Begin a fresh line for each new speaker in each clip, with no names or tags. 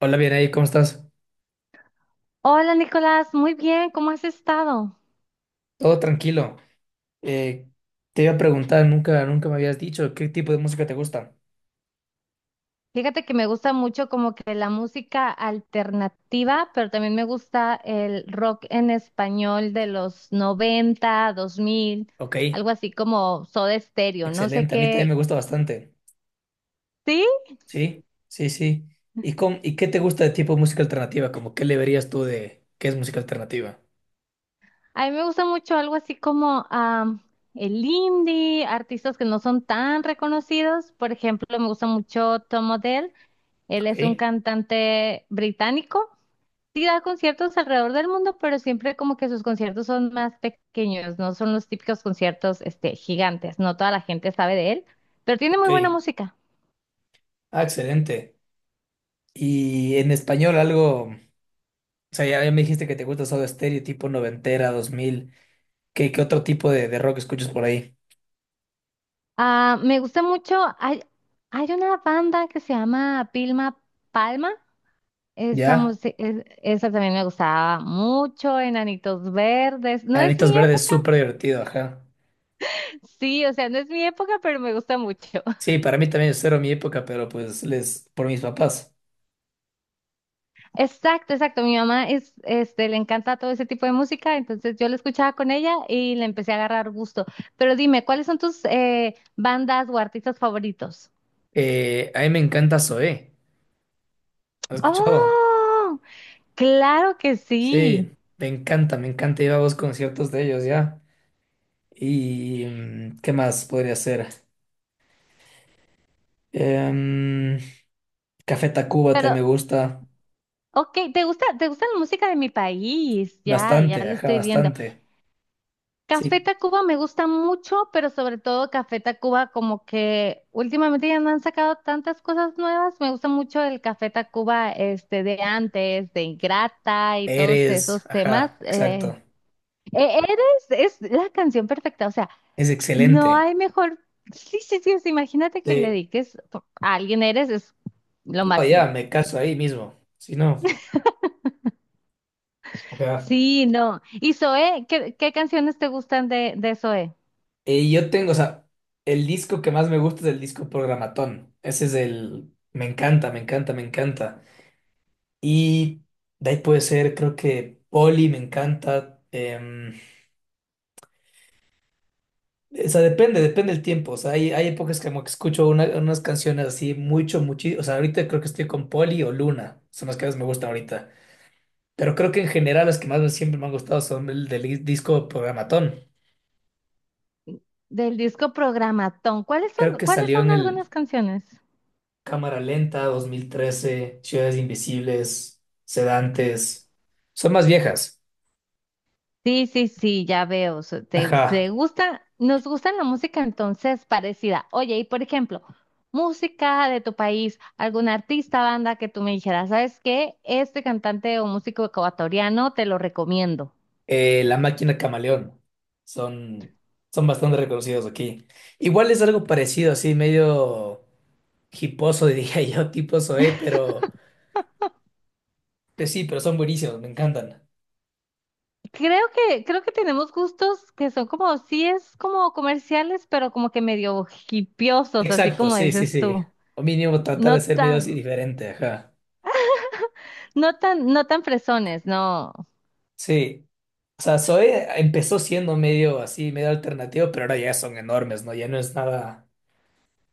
Hola, bien ahí, ¿cómo estás?
Hola Nicolás, muy bien, ¿cómo has estado?
Todo tranquilo. Eh, Te iba a preguntar, nunca me habías dicho qué tipo de música te gusta.
Fíjate que me gusta mucho como que la música alternativa, pero también me gusta el rock en español de los 90, 2000,
Ok,
algo así como Soda Stereo, no sé
excelente. A mí también me
qué.
gusta bastante.
Sí,
Sí, sí, sí. ¿Y, y qué te gusta de tipo de música alternativa? Como, ¿qué le verías tú de qué es música alternativa?
a mí me gusta mucho algo así como el indie, artistas que no son tan reconocidos. Por ejemplo, me gusta mucho Tom Odell, él es un
Ok,
cantante británico. Sí da conciertos alrededor del mundo, pero siempre como que sus conciertos son más pequeños, no son los típicos conciertos gigantes, no toda la gente sabe de él, pero tiene muy buena
ok.
música.
Ah, excelente. ¿Y en español algo? O sea, ya me dijiste que te gusta Soda Stereo, tipo noventera, dos mil. ¿Qué, qué otro tipo de rock escuchas por ahí?
Ah, me gusta mucho, hay una banda que se llama Pilma Palma, esa,
¿Ya?
música, esa también me gustaba mucho, Enanitos Verdes, no es
Anitos
mi
Verdes,
época,
súper divertido, ajá.
sí, o sea, no es mi época, pero me gusta mucho.
Sí, para mí también es cero mi época, pero pues les, por mis papás.
Exacto, exacto. Mi mamá le encanta todo ese tipo de música, entonces yo la escuchaba con ella y le empecé a agarrar gusto. Pero dime, ¿cuáles son tus bandas o artistas favoritos?
A mí me encanta Zoé. ¿Has escuchado?
Oh, claro que sí.
Sí, me encanta ir a los conciertos de ellos ya. Y mm, ¿qué más podría ser? Em, Café Tacuba
Pero,
también me gusta
ok, ¿te gusta la música de mi país? Ya, ya
bastante,
lo
ajá,
estoy viendo.
bastante.
Café
Sí,
Tacuba me gusta mucho, pero sobre todo Café Tacuba como que últimamente ya no han sacado tantas cosas nuevas. Me gusta mucho el Café Tacuba este de antes, de Ingrata y todos
eres,
esos temas.
ajá, exacto.
Eres es la canción perfecta, o sea,
Es
no
excelente.
hay mejor. Sí, sí, sí, o sea, imagínate que le
Sí,
dediques a alguien eres es lo
no, ya
máximo.
me caso ahí mismo. Si no, ajá.
Sí, no. ¿Y Zoé? ¿Qué canciones te gustan de Zoé?
Yo tengo, o sea, el disco que más me gusta es el disco Programatón. Ese es el... Me encanta, me encanta, me encanta. Y de ahí puede ser, creo que Poli me encanta. O sea, depende, depende el tiempo. O sea, hay épocas que como que escucho unas canciones así mucho, muchísimo. O sea, ahorita creo que estoy con Poli o Luna. Son las que más me gustan ahorita. Pero creo que en general las que más siempre me han gustado son el del disco Programatón.
Del disco Programatón. ¿Cuáles
Creo
son,
que
cuáles
salió
son
en
algunas
el...
canciones?
Cámara Lenta, 2013, Ciudades Invisibles, Sedantes. Son más viejas.
Sí, sí, sí, ya veo. so- Te,
Ajá.
te gusta, nos gusta la música entonces parecida. Oye, y por ejemplo, música de tu país, algún artista, banda que tú me dijeras, ¿sabes qué? Este cantante o músico ecuatoriano te lo recomiendo.
La Máquina Camaleón. Son, son bastante reconocidos aquí. Igual es algo parecido, así medio hiposo, diría yo, tipo Zoé, pero pues sí, pero son buenísimos, me encantan.
Creo que tenemos gustos que son como, sí es como comerciales, pero como que medio hipiosos, así
Exacto,
como
sí, sí,
dices
sí.
tú.
O mínimo tratar
No
de ser medio así
tan,
diferente, ajá.
no tan fresones, no.
Sí. O sea, Zoé empezó siendo medio así, medio alternativo, pero ahora ya son enormes, ¿no? Ya no es nada.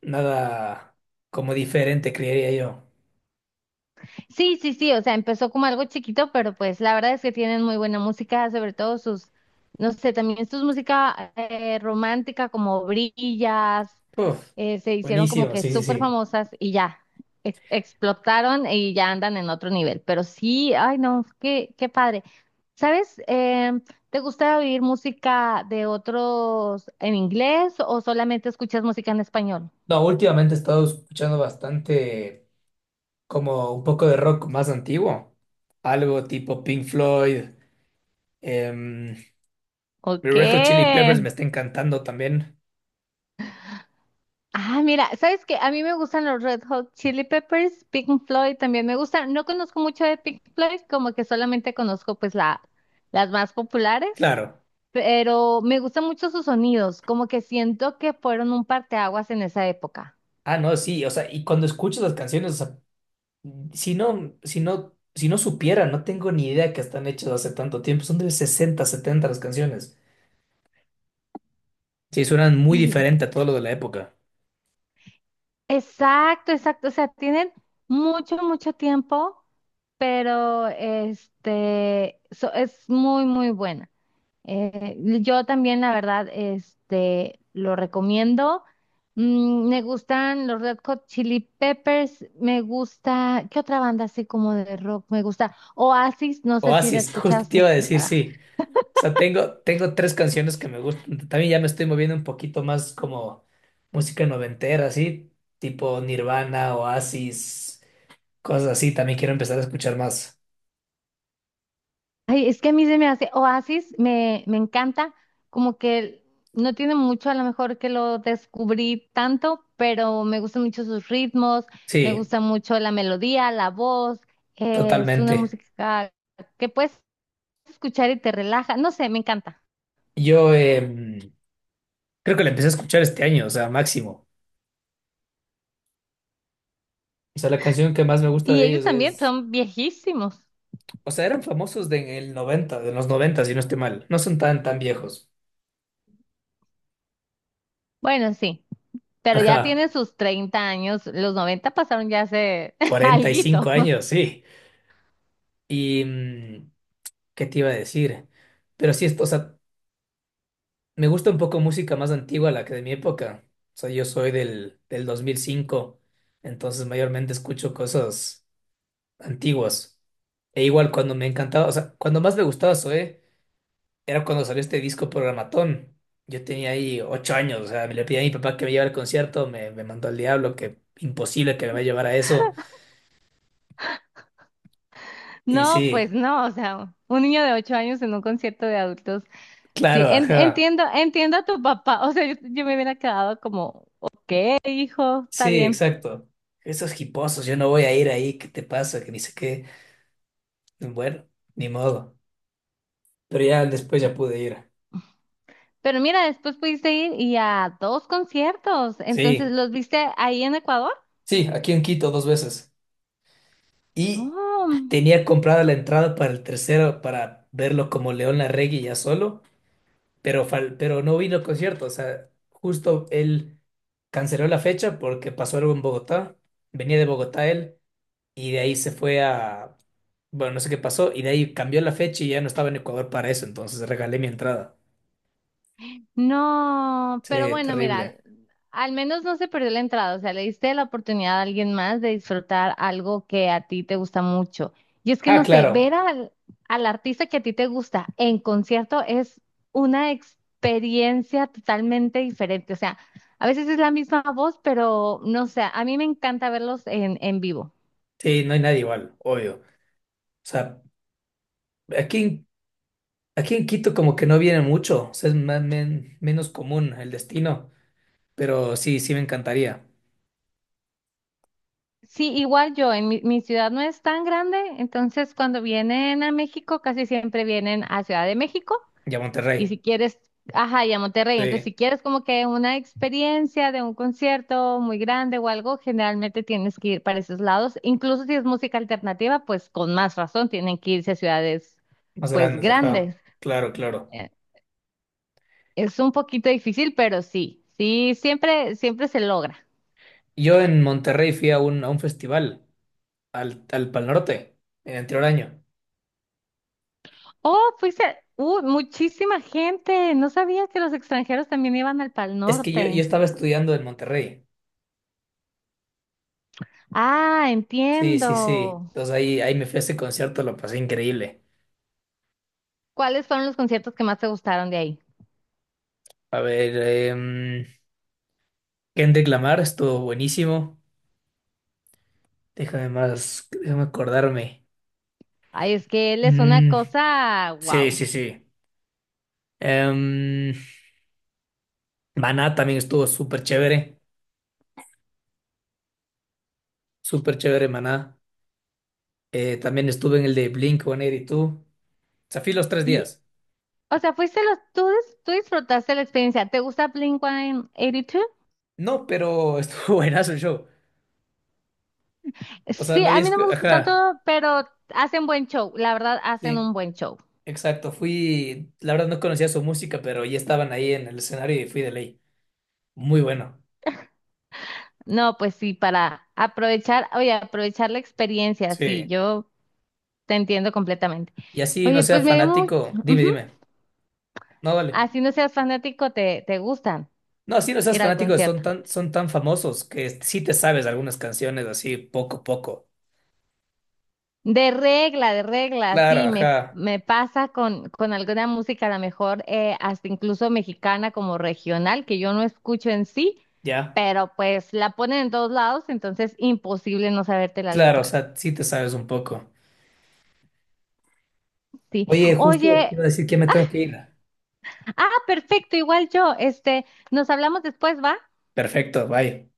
Nada como diferente, creería yo.
Sí, sí, sí, o sea, empezó como algo chiquito, pero pues la verdad es que tienen muy buena música, sobre todo sus, no sé, también sus música romántica como Brillas,
Uf,
se hicieron como
buenísimo,
que
sí, sí,
súper
sí.
famosas y ya, explotaron y ya andan en otro nivel, pero sí, ay no, qué padre. ¿Sabes? ¿Te gusta oír música de otros en inglés o solamente escuchas música en español?
No, últimamente he estado escuchando bastante como un poco de rock más antiguo. Algo tipo Pink Floyd, em,
¿O
Red Hot Chili Peppers
qué?
me está encantando también.
Ah, mira, ¿sabes qué? A mí me gustan los Red Hot Chili Peppers, Pink Floyd también me gustan. No conozco mucho de Pink Floyd, como que solamente conozco pues las más populares,
Claro.
pero me gustan mucho sus sonidos, como que siento que fueron un parteaguas en esa época.
Ah, no, sí, o sea, y cuando escuchas las canciones, o sea, si no, si no, si no supiera, no tengo ni idea que están hechas hace tanto tiempo. Son de 60 70 las canciones. Sí, suenan muy
Sí.
diferente a todo lo de la época.
Exacto, exacto. O sea, tienen mucho, mucho tiempo, pero es muy, muy buena. Yo también, la verdad, lo recomiendo. Me gustan los Red Hot Chili Peppers, me gusta, ¿qué otra banda así como de rock me gusta? Oasis, no sé si la
Oasis, justo te iba
escuchaste.
a decir, sí. O sea, tengo, tengo 3 canciones que me gustan. También ya me estoy moviendo un poquito más como música noventera, así, tipo Nirvana, Oasis, cosas así. También quiero empezar a escuchar más.
Ay, es que a mí se me hace, Oasis me encanta, como que no tiene mucho, a lo mejor que lo descubrí tanto, pero me gustan mucho sus ritmos, me
Sí,
gusta mucho la melodía, la voz, es una
totalmente.
música que pues escuchar y te relaja. No sé, me encanta.
Yo, creo que la empecé a escuchar este año, o sea, máximo. O sea, la canción que más me gusta
Y
de
ellos
ellos
también
es...
son viejísimos.
O sea, eran famosos de en el 90, de los 90 si no estoy mal. No son tan, tan viejos.
Bueno, sí, pero ya
Ajá,
tienen sus 30 años. Los 90 pasaron ya hace
45
alguito.
años, sí. Y... mm, ¿qué te iba a decir? Pero sí, o sea, me gusta un poco música más antigua, la que de mi época. O sea, yo soy del 2005, entonces mayormente escucho cosas antiguas. E igual cuando me encantaba, o sea, cuando más me gustaba Zoé, era cuando salió este disco Programatón. Yo tenía ahí 8 años, o sea, me le pedí a mi papá que me llevara al concierto, me mandó al diablo, que imposible que me vaya a llevar a eso. Y
No,
sí,
pues no, o sea, un niño de 8 años en un concierto de adultos. Sí,
claro,
en-
ajá.
entiendo, entiendo a tu papá. O sea, yo me hubiera quedado como, hijo, está
Sí,
bien.
exacto. Esos hiposos, yo no voy a ir ahí, ¿qué te pasa? Que ni sé qué. Bueno, ni modo. Pero ya después ya pude ir.
Pero mira, después pudiste ir y a dos conciertos. Entonces,
Sí,
¿los viste ahí en Ecuador?
sí, aquí en Quito 2 veces. Y
Oh.
tenía comprada la entrada para el tercero para verlo como León Larregui ya solo, pero, pero no vino al concierto. O sea, justo él canceló la fecha porque pasó algo en Bogotá. Venía de Bogotá él y de ahí se fue a... Bueno, no sé qué pasó y de ahí cambió la fecha y ya no estaba en Ecuador para eso. Entonces regalé mi entrada.
No, pero
Sí,
bueno, mira,
terrible.
al menos no se perdió la entrada, o sea, le diste la oportunidad a alguien más de disfrutar algo que a ti te gusta mucho. Y es que
Ah,
no sé,
claro.
ver al artista que a ti te gusta en concierto es una experiencia totalmente diferente, o sea, a veces es la misma voz, pero no sé, a mí me encanta verlos en vivo.
Sí, no hay nadie igual, obvio. O sea, Aquí, en- aquí en Quito como que no viene mucho, o sea, es más, menos común el destino, pero sí, sí me encantaría.
Sí, igual yo, en mi ciudad no es tan grande, entonces cuando vienen a México casi siempre vienen a Ciudad de México.
Y a
Y si
Monterrey,
quieres, ajá, y a Monterrey, entonces
sí,
si quieres como que una experiencia de un concierto muy grande o algo, generalmente tienes que ir para esos lados. Incluso si es música alternativa, pues con más razón tienen que irse a ciudades
más
pues
grandes, ajá,
grandes.
claro, claro.
Eh, Es un poquito difícil, pero sí, sí, siempre, siempre se logra.
Yo en Monterrey fui a a un festival, al Pal Norte, en el anterior año.
Oh, fuiste, muchísima gente. No sabía que los extranjeros también iban al Pal
Es que yo
Norte.
estaba estudiando en Monterrey,
Ah,
sí, sí, sí.
entiendo.
Entonces ahí me fui a ese concierto, lo pasé increíble.
¿Cuáles fueron los conciertos que más te gustaron de ahí?
A ver, em, Kendrick Lamar estuvo buenísimo. Déjame más, déjame acordarme.
Ay, es que él es una
Mm,
cosa,
sí,
wow.
sí, sí. Em, Maná también estuvo súper chévere Maná. También estuve en el de Blink-182. O sea, fui los tres
Y,
días.
o sea, fuiste tú disfrutaste la experiencia. ¿Te gusta Blink-182?
No, pero estuvo buenazo el show. O sea,
Sí,
no
a
había...
mí no me gusta
Ajá,
tanto, pero hacen buen show. La verdad, hacen
sí,
un buen show.
exacto. Fui, la verdad no conocía su música, pero ya estaban ahí en el escenario y fui de ley. Muy bueno.
No, pues sí, para aprovechar, oye, aprovechar la experiencia,
Sí.
sí, yo te entiendo completamente.
Y así no
Oye,
sea
pues me dio mucho,
fanático, dime, dime. No, vale.
así no seas fanático, te gustan
No, así no seas
ir al
fanático,
concierto.
son tan famosos que sí te sabes algunas canciones así poco a poco.
De regla,
Claro,
sí, me,
ajá,
me pasa con alguna música, a lo mejor hasta incluso mexicana como regional, que yo no escucho en sí,
ya.
pero pues la ponen en todos lados, entonces imposible no saberte la
Claro, o
letra.
sea, sí te sabes un poco.
Sí.
Oye, justo te
Oye,
iba a decir que ya me tengo que ir.
perfecto, igual yo, nos hablamos después, ¿va?
Perfecto, bye.